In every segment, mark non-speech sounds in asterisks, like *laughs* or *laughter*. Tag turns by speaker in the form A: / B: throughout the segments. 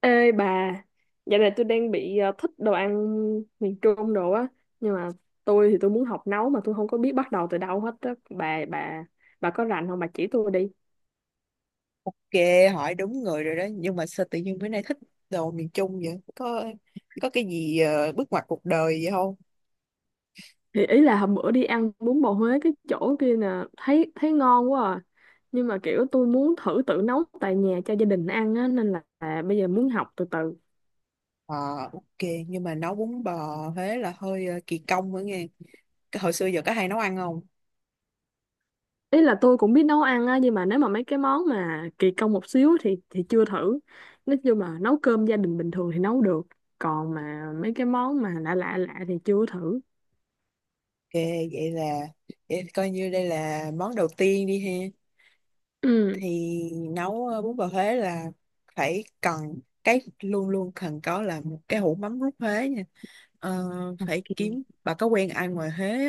A: Ê bà, dạo này tôi đang bị thích đồ ăn miền Trung đồ á, nhưng mà tôi muốn học nấu mà tôi không có biết bắt đầu từ đâu hết á. Bà có rành không, bà chỉ tôi đi.
B: Ok, hỏi đúng người rồi đó. Nhưng mà sao tự nhiên bữa nay thích đồ miền Trung vậy? Có cái gì bước ngoặt cuộc đời vậy không?
A: Thì ý là hôm bữa đi ăn bún bò Huế cái chỗ kia nè, thấy thấy ngon quá à. Nhưng mà kiểu tôi muốn thử tự nấu tại nhà cho gia đình ăn á nên là bây giờ muốn học từ từ.
B: Ờ, ok. Nhưng mà nấu bún bò Huế là hơi kỳ công nữa nghe. Cái hồi xưa giờ có hay nấu ăn không?
A: Ý là tôi cũng biết nấu ăn á, nhưng mà nếu mà mấy cái món mà kỳ công một xíu thì chưa thử. Nói chung là nấu cơm gia đình bình thường thì nấu được, còn mà mấy cái món mà lạ lạ lạ thì chưa thử.
B: Ok, vậy là vậy coi như đây là món đầu tiên đi ha.
A: Ừ.
B: Thì nấu bún bò Huế là phải cần cái luôn luôn cần có là một cái hũ mắm rút Huế nha. Ờ, phải
A: Ok.
B: kiếm bà có quen ai ngoài Huế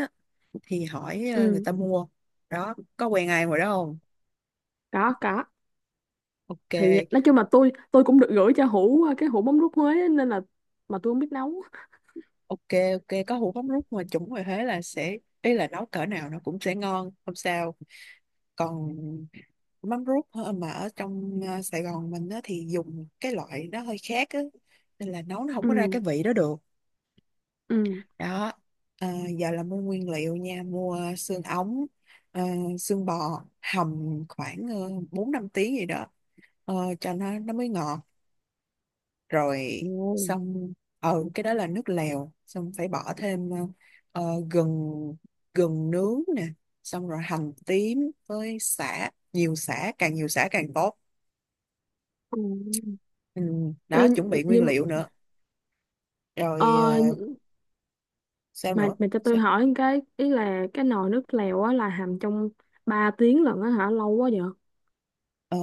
B: thì hỏi người
A: Ừ.
B: ta mua đó, có quen ai ngoài đó không?
A: Có có.
B: Ok,
A: Thì nói chung là tôi cũng được gửi cho Hữu cái hũ mắm rút Huế á, nên là mà tôi không biết nấu.
B: ok, có hũ mắm rút mà chuẩn ngoài Huế là sẽ ý là nấu cỡ nào nó cũng sẽ ngon không sao. Còn mắm rút hả, mà ở trong Sài Gòn mình á, thì dùng cái loại nó hơi khác á, nên là nấu nó không
A: Ừ.
B: có ra cái vị đó được
A: Ừ.
B: đó. Ờ, giờ là mua nguyên liệu nha, mua xương ống, ờ, xương bò hầm khoảng 4 5 tiếng gì đó, ờ, cho nó mới ngọt. Rồi
A: Ồ.
B: xong, ừ, cái đó là nước lèo, xong phải bỏ thêm gừng, gừng nướng nè, xong rồi hành tím với sả, nhiều sả càng tốt,
A: Ừ.
B: ừ,
A: Ê,
B: đó chuẩn bị nguyên
A: nhưng
B: liệu nữa.
A: ờ,
B: Rồi sao
A: mà
B: nữa.
A: cho tôi
B: Sao-
A: hỏi một cái, ý là cái nồi nước lèo á là hầm trong 3 tiếng lận á hả, lâu quá vậy?
B: Ờ,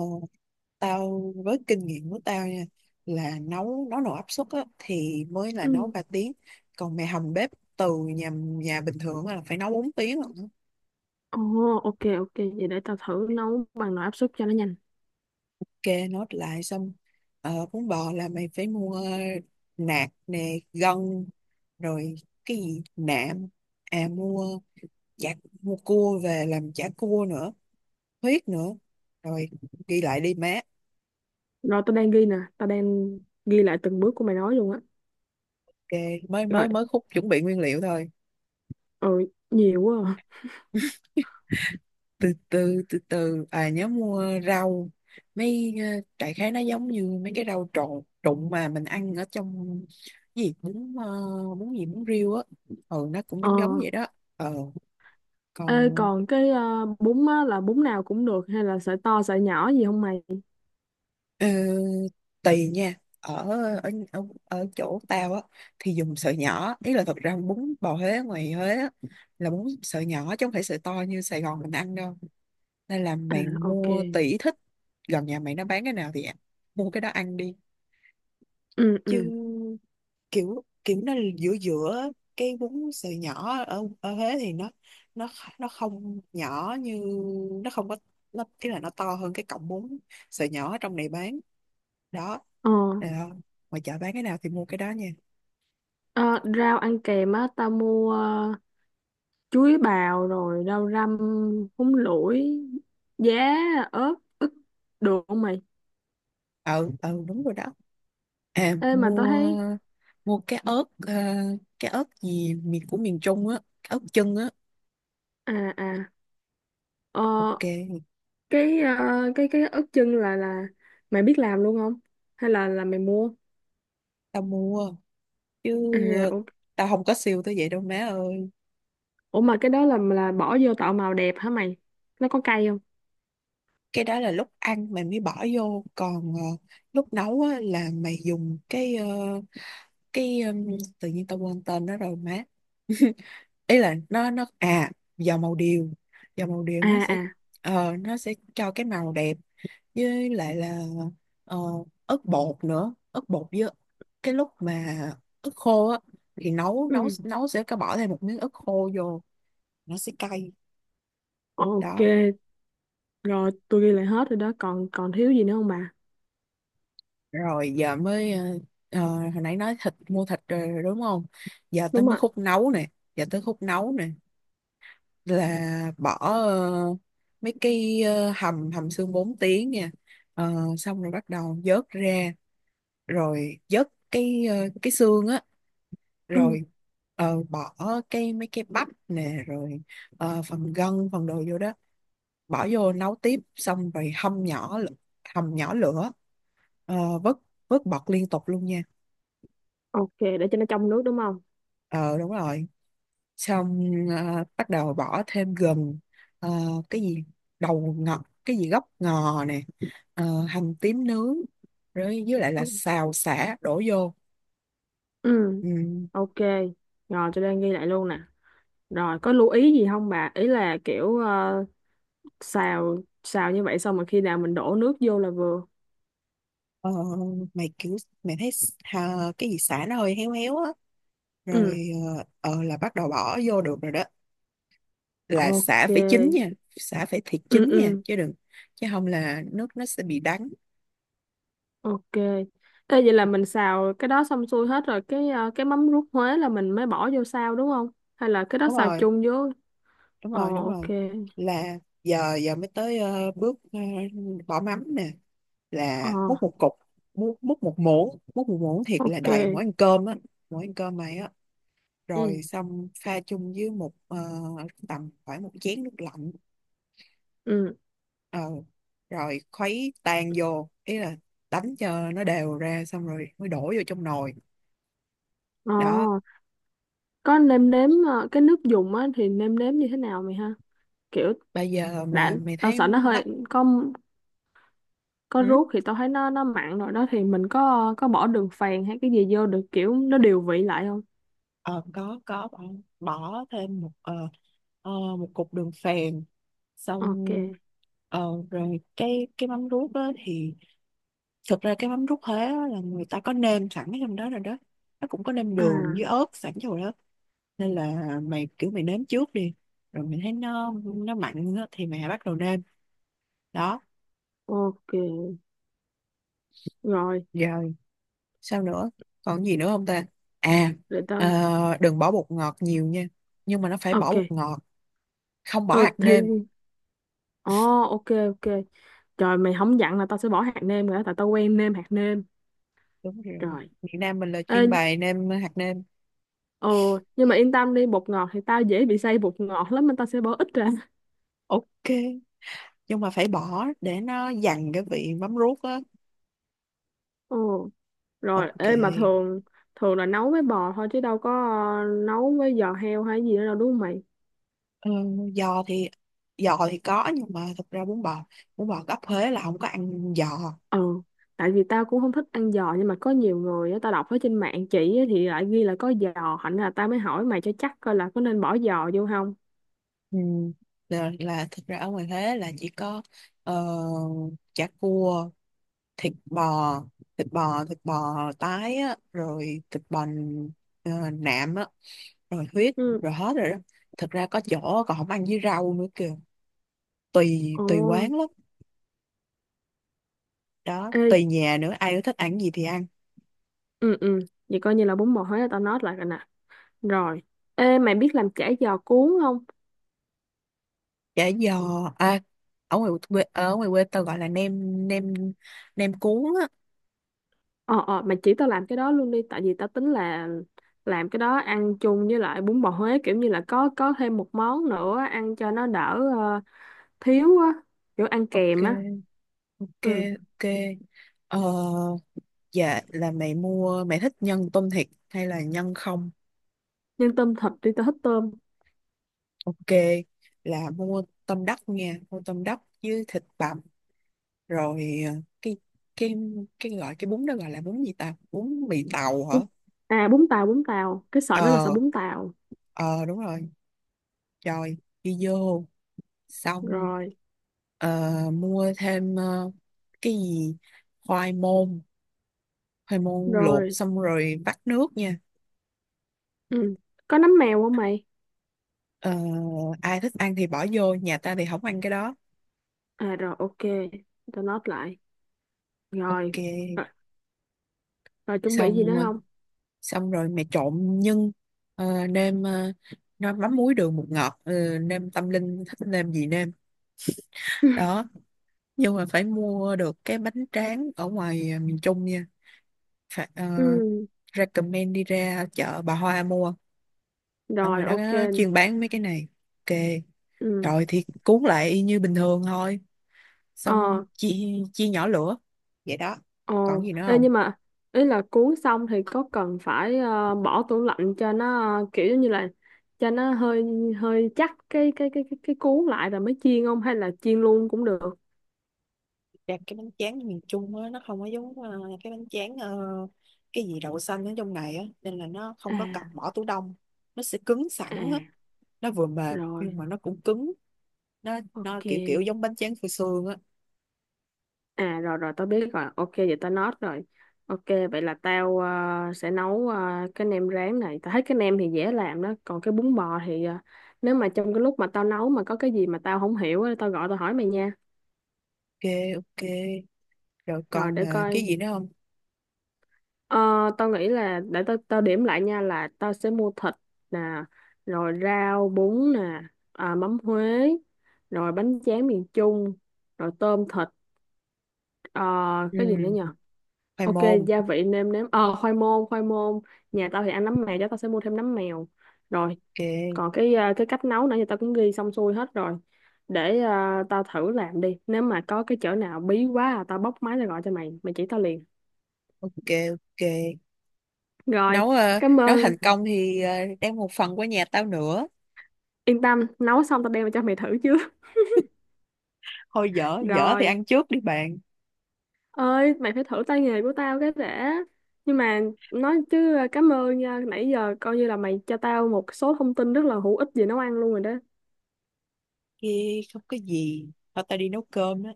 B: tao với kinh nghiệm của tao nha, là nấu nấu nồi áp suất á, thì mới là nấu
A: Ừ.
B: 3 tiếng, còn mày hầm bếp từ nhà nhà bình thường á là phải nấu 4 tiếng lận.
A: Ồ, ok, ok. Vậy để tao thử nấu bằng nồi áp suất cho nó nhanh.
B: Kê nốt lại xong, bún bò là mày phải mua nạc nè, gân, rồi cái gì nạm, à mua chả, mua cua về làm chả cua nữa, huyết nữa. Rồi ghi lại đi má.
A: Rồi tao đang ghi nè. Tao đang ghi lại từng bước của mày nói luôn á.
B: Ok, mới mới
A: Rồi,
B: mới khúc chuẩn bị nguyên liệu thôi.
A: ừ, nhiều quá. À.
B: Từ từ, à nhớ mua rau, mấy đại khái nó giống như mấy cái rau trộn trụng mà mình ăn ở trong cái gì bún bún gì bún riêu á, ừ nó cũng
A: Ờ.
B: giống giống vậy đó. Ờ
A: Ê,
B: còn
A: còn cái bún á, là bún nào cũng được hay là sợi to sợi nhỏ gì không mày?
B: ờ, tùy nha, ở ở chỗ tao á thì dùng sợi nhỏ, ý là thật ra bún bò Huế ngoài Huế á, là bún sợi nhỏ chứ không phải sợi to như Sài Gòn mình ăn đâu, nên là
A: À,
B: mày
A: ok.
B: mua tùy thích, gần nhà mày nó bán cái nào thì mua cái đó ăn đi.
A: Ừ,
B: Chứ
A: ừ.
B: kiểu kiểu nó giữa giữa cái bún sợi nhỏ ở ở Huế thì nó nó không nhỏ như, nó không có, nó ý là nó to hơn cái cọng bún sợi nhỏ ở trong này bán đó,
A: Ờ.
B: được không, ngoài chợ bán cái nào thì mua cái đó nha.
A: Ờ, rau ăn kèm á, tao mua chuối bào, rồi rau răm, húng lủi, giá, ớt, được không mày?
B: Ừ ừ đúng rồi đó, à
A: Ê, mà tao
B: mua,
A: thấy...
B: mua cái ớt cái ớt gì miền của miền Trung á, cái ớt chân á.
A: À, à. Ờ,
B: Ok,
A: cái cái ớt chân là mày biết làm luôn không hay là mày mua?
B: tao mua chứ,
A: À
B: ờ,
A: ủa,
B: tao không có siêu tới vậy đâu má ơi.
A: ủa mà cái đó là bỏ vô tạo màu đẹp hả mày, nó có cay không?
B: Cái đó là lúc ăn mày mới bỏ vô, còn lúc nấu á là mày dùng cái cái ừm, tự nhiên tao quên tên nó rồi má *laughs* ý là nó à, dầu màu điều, dầu màu điều
A: À
B: nó sẽ
A: à.
B: nó sẽ cho cái màu đẹp, với lại là ờ, ớt bột nữa, ớt bột với cái lúc mà ớt khô á thì nấu nấu
A: Ừ.
B: nấu sẽ có bỏ thêm một miếng ớt khô vô, nó sẽ cay
A: Ok,
B: đó.
A: rồi tôi ghi lại hết rồi đó, còn còn thiếu gì nữa không bà?
B: Rồi giờ mới ờ, hồi nãy nói thịt, mua thịt rồi, đúng không, giờ tới
A: Đúng
B: mới
A: rồi.
B: khúc nấu nè, giờ tới khúc nấu nè, là bỏ mấy cái hầm, hầm xương 4 tiếng nha. Ờ, xong rồi bắt đầu vớt ra, rồi vớt cái cái xương á,
A: Ừ.
B: rồi bỏ cái, mấy cái bắp nè, rồi phần gân phần đồ vô đó, bỏ vô nấu tiếp, xong rồi hâm nhỏ hầm nhỏ lửa, vớt, vớt bọt liên tục luôn nha.
A: Ok, để cho nó trong nước, đúng không?
B: Ờ đúng rồi, xong bắt đầu bỏ thêm gừng, ờ, cái gì đầu ngọt, cái gì gốc ngò nè, hành tím nướng, rồi với lại là
A: Ừ.
B: xào sả đổ vô.
A: Ừ,
B: Ừ.
A: ok, rồi tôi đang ghi lại luôn nè, rồi có lưu ý gì không bà, ý là kiểu xào xào như vậy xong mà khi nào mình đổ nước vô là vừa?
B: ờ, Mày kiểu mày thấy cái gì sả nó hơi héo héo á, rồi
A: Ừ.
B: là bắt đầu bỏ vô được rồi đó, là
A: Ok.
B: xả phải chín nha, xả phải thiệt
A: Ừ.
B: chín nha
A: Ừ.
B: chứ đừng, chứ không là nước nó sẽ bị đắng.
A: Ok. Ê, vậy là mình xào cái đó xong xuôi hết rồi, cái cái mắm rút Huế là mình mới bỏ vô xào đúng không, hay là cái đó
B: đúng
A: xào
B: rồi
A: chung với?
B: đúng
A: Ờ,
B: rồi đúng
A: ok.
B: rồi là giờ giờ mới tới bước bỏ mắm nè,
A: Ờ,
B: là múc một cục, múc một muỗng, múc một muỗng thiệt là
A: ok.
B: đầy mỗi ăn cơm á, mỗi ăn cơm này á,
A: Ừ.
B: rồi xong pha chung với một tầm khoảng một chén nước lạnh,
A: Ừ.
B: ờ, rồi khuấy tan vô, ý là đánh cho nó đều ra, xong rồi mới đổ vô trong nồi
A: Ờ,
B: đó.
A: có nêm nếm cái nước dùng á thì nêm nếm như thế nào mày ha, kiểu.
B: Bây giờ
A: Đã,
B: mà mày
A: tao
B: thấy
A: sợ nó hơi.
B: mắt
A: có có
B: ừ?
A: ruốc thì tao thấy nó mặn rồi đó, thì mình có bỏ đường phèn hay cái gì vô được, kiểu nó điều vị lại không?
B: Ờ có bỏ, bỏ thêm ờ, một cục đường phèn, xong
A: Ok.
B: ờ, rồi cái mắm ruốc đó thì thực ra cái mắm ruốc Huế á là người ta có nêm sẵn ở trong đó rồi đó, nó cũng có nêm đường
A: À.
B: với ớt sẵn trong đó, nên là mày kiểu mày nếm trước đi, rồi mày thấy nó mặn á thì mày bắt đầu nêm đó.
A: Ok, rồi
B: Rồi, sao nữa? Còn gì nữa không ta? À,
A: để tao.
B: ờ, đừng bỏ bột ngọt nhiều nha. Nhưng mà nó phải bỏ
A: Ok.
B: bột ngọt, không bỏ
A: Ừ
B: hạt
A: thì.
B: nêm.
A: Ồ. Ok. Ok. Trời, mày không dặn là tao sẽ bỏ hạt nêm rồi đó, tại tao quen nêm hạt nêm.
B: Đúng rồi.
A: Trời.
B: Việt Nam mình là
A: Ê.
B: chuyên bày nêm hạt nêm.
A: Ồ, nhưng mà yên tâm đi, bột ngọt thì tao dễ bị say bột ngọt lắm nên tao sẽ bỏ ít ra.
B: Ok, nhưng mà phải bỏ để nó dằn cái vị mắm ruốc á.
A: Ồ. Rồi
B: Ok.
A: ê, mà thường thường là nấu với bò thôi chứ đâu có nấu với giò heo hay gì nữa đâu, đúng không mày?
B: Ờ, giò thì, giò thì có nhưng mà thật ra bún bò gốc Huế là không có ăn giò.
A: Ừ. Tại vì tao cũng không thích ăn giò, nhưng mà có nhiều người á, tao đọc ở trên mạng chỉ á, thì lại ghi là có giò, thành ra là tao mới hỏi mày cho chắc coi là có nên bỏ giò vô không.
B: Ừ. Là thật ra ở ngoài Huế là chỉ có ờ, chả cua, thịt bò, thịt bò tái á, rồi thịt bò nạm á, rồi huyết,
A: Ừ.
B: rồi hết rồi đó. Thực ra có chỗ còn không ăn với rau nữa kìa, tùy
A: Ồ.
B: tùy quán lắm đó,
A: Ê,
B: tùy nhà nữa, ai có thích ăn gì thì ăn.
A: ừ, ừ, vậy coi như là bún bò Huế là tao nói lại rồi nè. Rồi ê, mày biết làm chả giò cuốn không?
B: Chả giò à, ở ngoài quê ở ngoài quê tao gọi là nem nem nem cuốn á.
A: Ờ, ờ, mày chỉ tao làm cái đó luôn đi, tại vì tao tính là làm cái đó ăn chung với lại bún bò Huế, kiểu như là có thêm một món nữa ăn cho nó đỡ thiếu á, kiểu ăn kèm á.
B: ok ok
A: Ừ.
B: ok ờ, dạ là mày mua, mày thích nhân tôm thịt hay là nhân không.
A: Nhân tôm thịt đi, tao thích tôm.
B: Ok, là mua tôm đất nha, mua tôm đất với thịt bằm, rồi cái cái cái gọi cái bún đó gọi là bún gì ta? Bún mì tàu hả?
A: À, bún tàu, cái sợi đó là sợi
B: Ờ,
A: bún tàu.
B: ờ đúng rồi. Rồi đi vô xong
A: Rồi.
B: mua thêm cái gì khoai môn, khoai môn luộc
A: Rồi.
B: xong rồi vắt nước nha.
A: Ừ. Có nấm mèo không mày?
B: Ờ, ai thích ăn thì bỏ vô, nhà ta thì không ăn cái đó.
A: À rồi, ok, tao note lại rồi.
B: Ok,
A: Ờ. Rồi chuẩn bị gì nữa
B: xong
A: không?
B: xong rồi mẹ trộn nhân, nêm nó mắm muối đường bột ngọt, nêm tâm linh thích nêm gì nêm đó,
A: *laughs*
B: nhưng mà phải mua được cái bánh tráng ở ngoài miền Trung nha, phải
A: Ừ.
B: recommend đi ra chợ Bà Hoa mua, ở ngoài
A: Rồi
B: đó
A: ok.
B: chuyên bán mấy cái này, ok,
A: Ừ.
B: rồi thì cuốn lại y như bình thường thôi, xong
A: Ờ,
B: chia, chia nhỏ lửa vậy đó.
A: ờ.
B: Còn gì nữa
A: Ê,
B: không?
A: nhưng mà ý là cuốn xong thì có cần phải bỏ tủ lạnh cho nó kiểu giống như là cho nó hơi hơi chắc cái cuốn lại rồi mới chiên không, hay là chiên luôn cũng được?
B: Dạ, cái bánh tráng miền Trung á, nó không có giống cái bánh tráng cái gì đậu xanh ở trong này á, nên là nó không có cần
A: À,
B: bỏ tủ đông, nó sẽ cứng
A: à.
B: sẵn á, nó vừa mềm nhưng
A: Rồi
B: mà nó cũng cứng, nó
A: ok.
B: kiểu kiểu giống bánh tráng phô xương á.
A: À, rồi rồi tao biết rồi, ok vậy tao note rồi. Ok, vậy là tao sẽ nấu cái nem rán này. Tao thấy cái nem thì dễ làm đó, còn cái bún bò thì ờ, nếu mà trong cái lúc mà tao nấu mà có cái gì mà tao không hiểu á, tao gọi tao hỏi mày nha.
B: Ok ok, rồi
A: Rồi
B: còn
A: để
B: cái
A: coi.
B: gì nữa không.
A: Ờ, tao nghĩ là để tao tao điểm lại nha, là tao sẽ mua thịt nè, rồi rau bún nè, à, mắm Huế, rồi bánh tráng miền Trung, rồi tôm thịt, ờ, cái gì nữa
B: Ừ
A: nhỉ?
B: khoai
A: Ok,
B: môn.
A: gia vị nêm nếm. Ờ, khoai môn, khoai môn. Nhà tao thì ăn nấm mèo, cho tao sẽ mua thêm nấm mèo. Rồi,
B: ok
A: còn cái à, cái cách nấu nãy giờ tao cũng ghi xong xuôi hết rồi. Để à, tao thử làm đi. Nếu mà có cái chỗ nào bí quá à, tao bóc máy ra gọi cho mày, mày chỉ tao liền.
B: ok ok
A: Rồi,
B: nấu
A: cảm
B: nấu
A: ơn.
B: thành công thì đem một phần qua nhà tao nữa.
A: Yên tâm, nấu xong tao đem về cho mày thử chứ. *laughs*
B: Thôi dở dở thì
A: Rồi,
B: ăn trước đi bạn,
A: ơi, mày phải thử tay nghề của tao cái đã. Nhưng mà nói chứ à, cảm ơn nha, nãy giờ coi như là mày cho tao một số thông tin rất là hữu ích về nấu ăn luôn rồi đó.
B: kia không có gì, thôi tao đi nấu cơm á,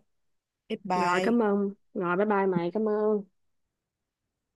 B: bye
A: Rồi
B: bye.
A: cảm ơn. Rồi bye bye mày, cảm ơn.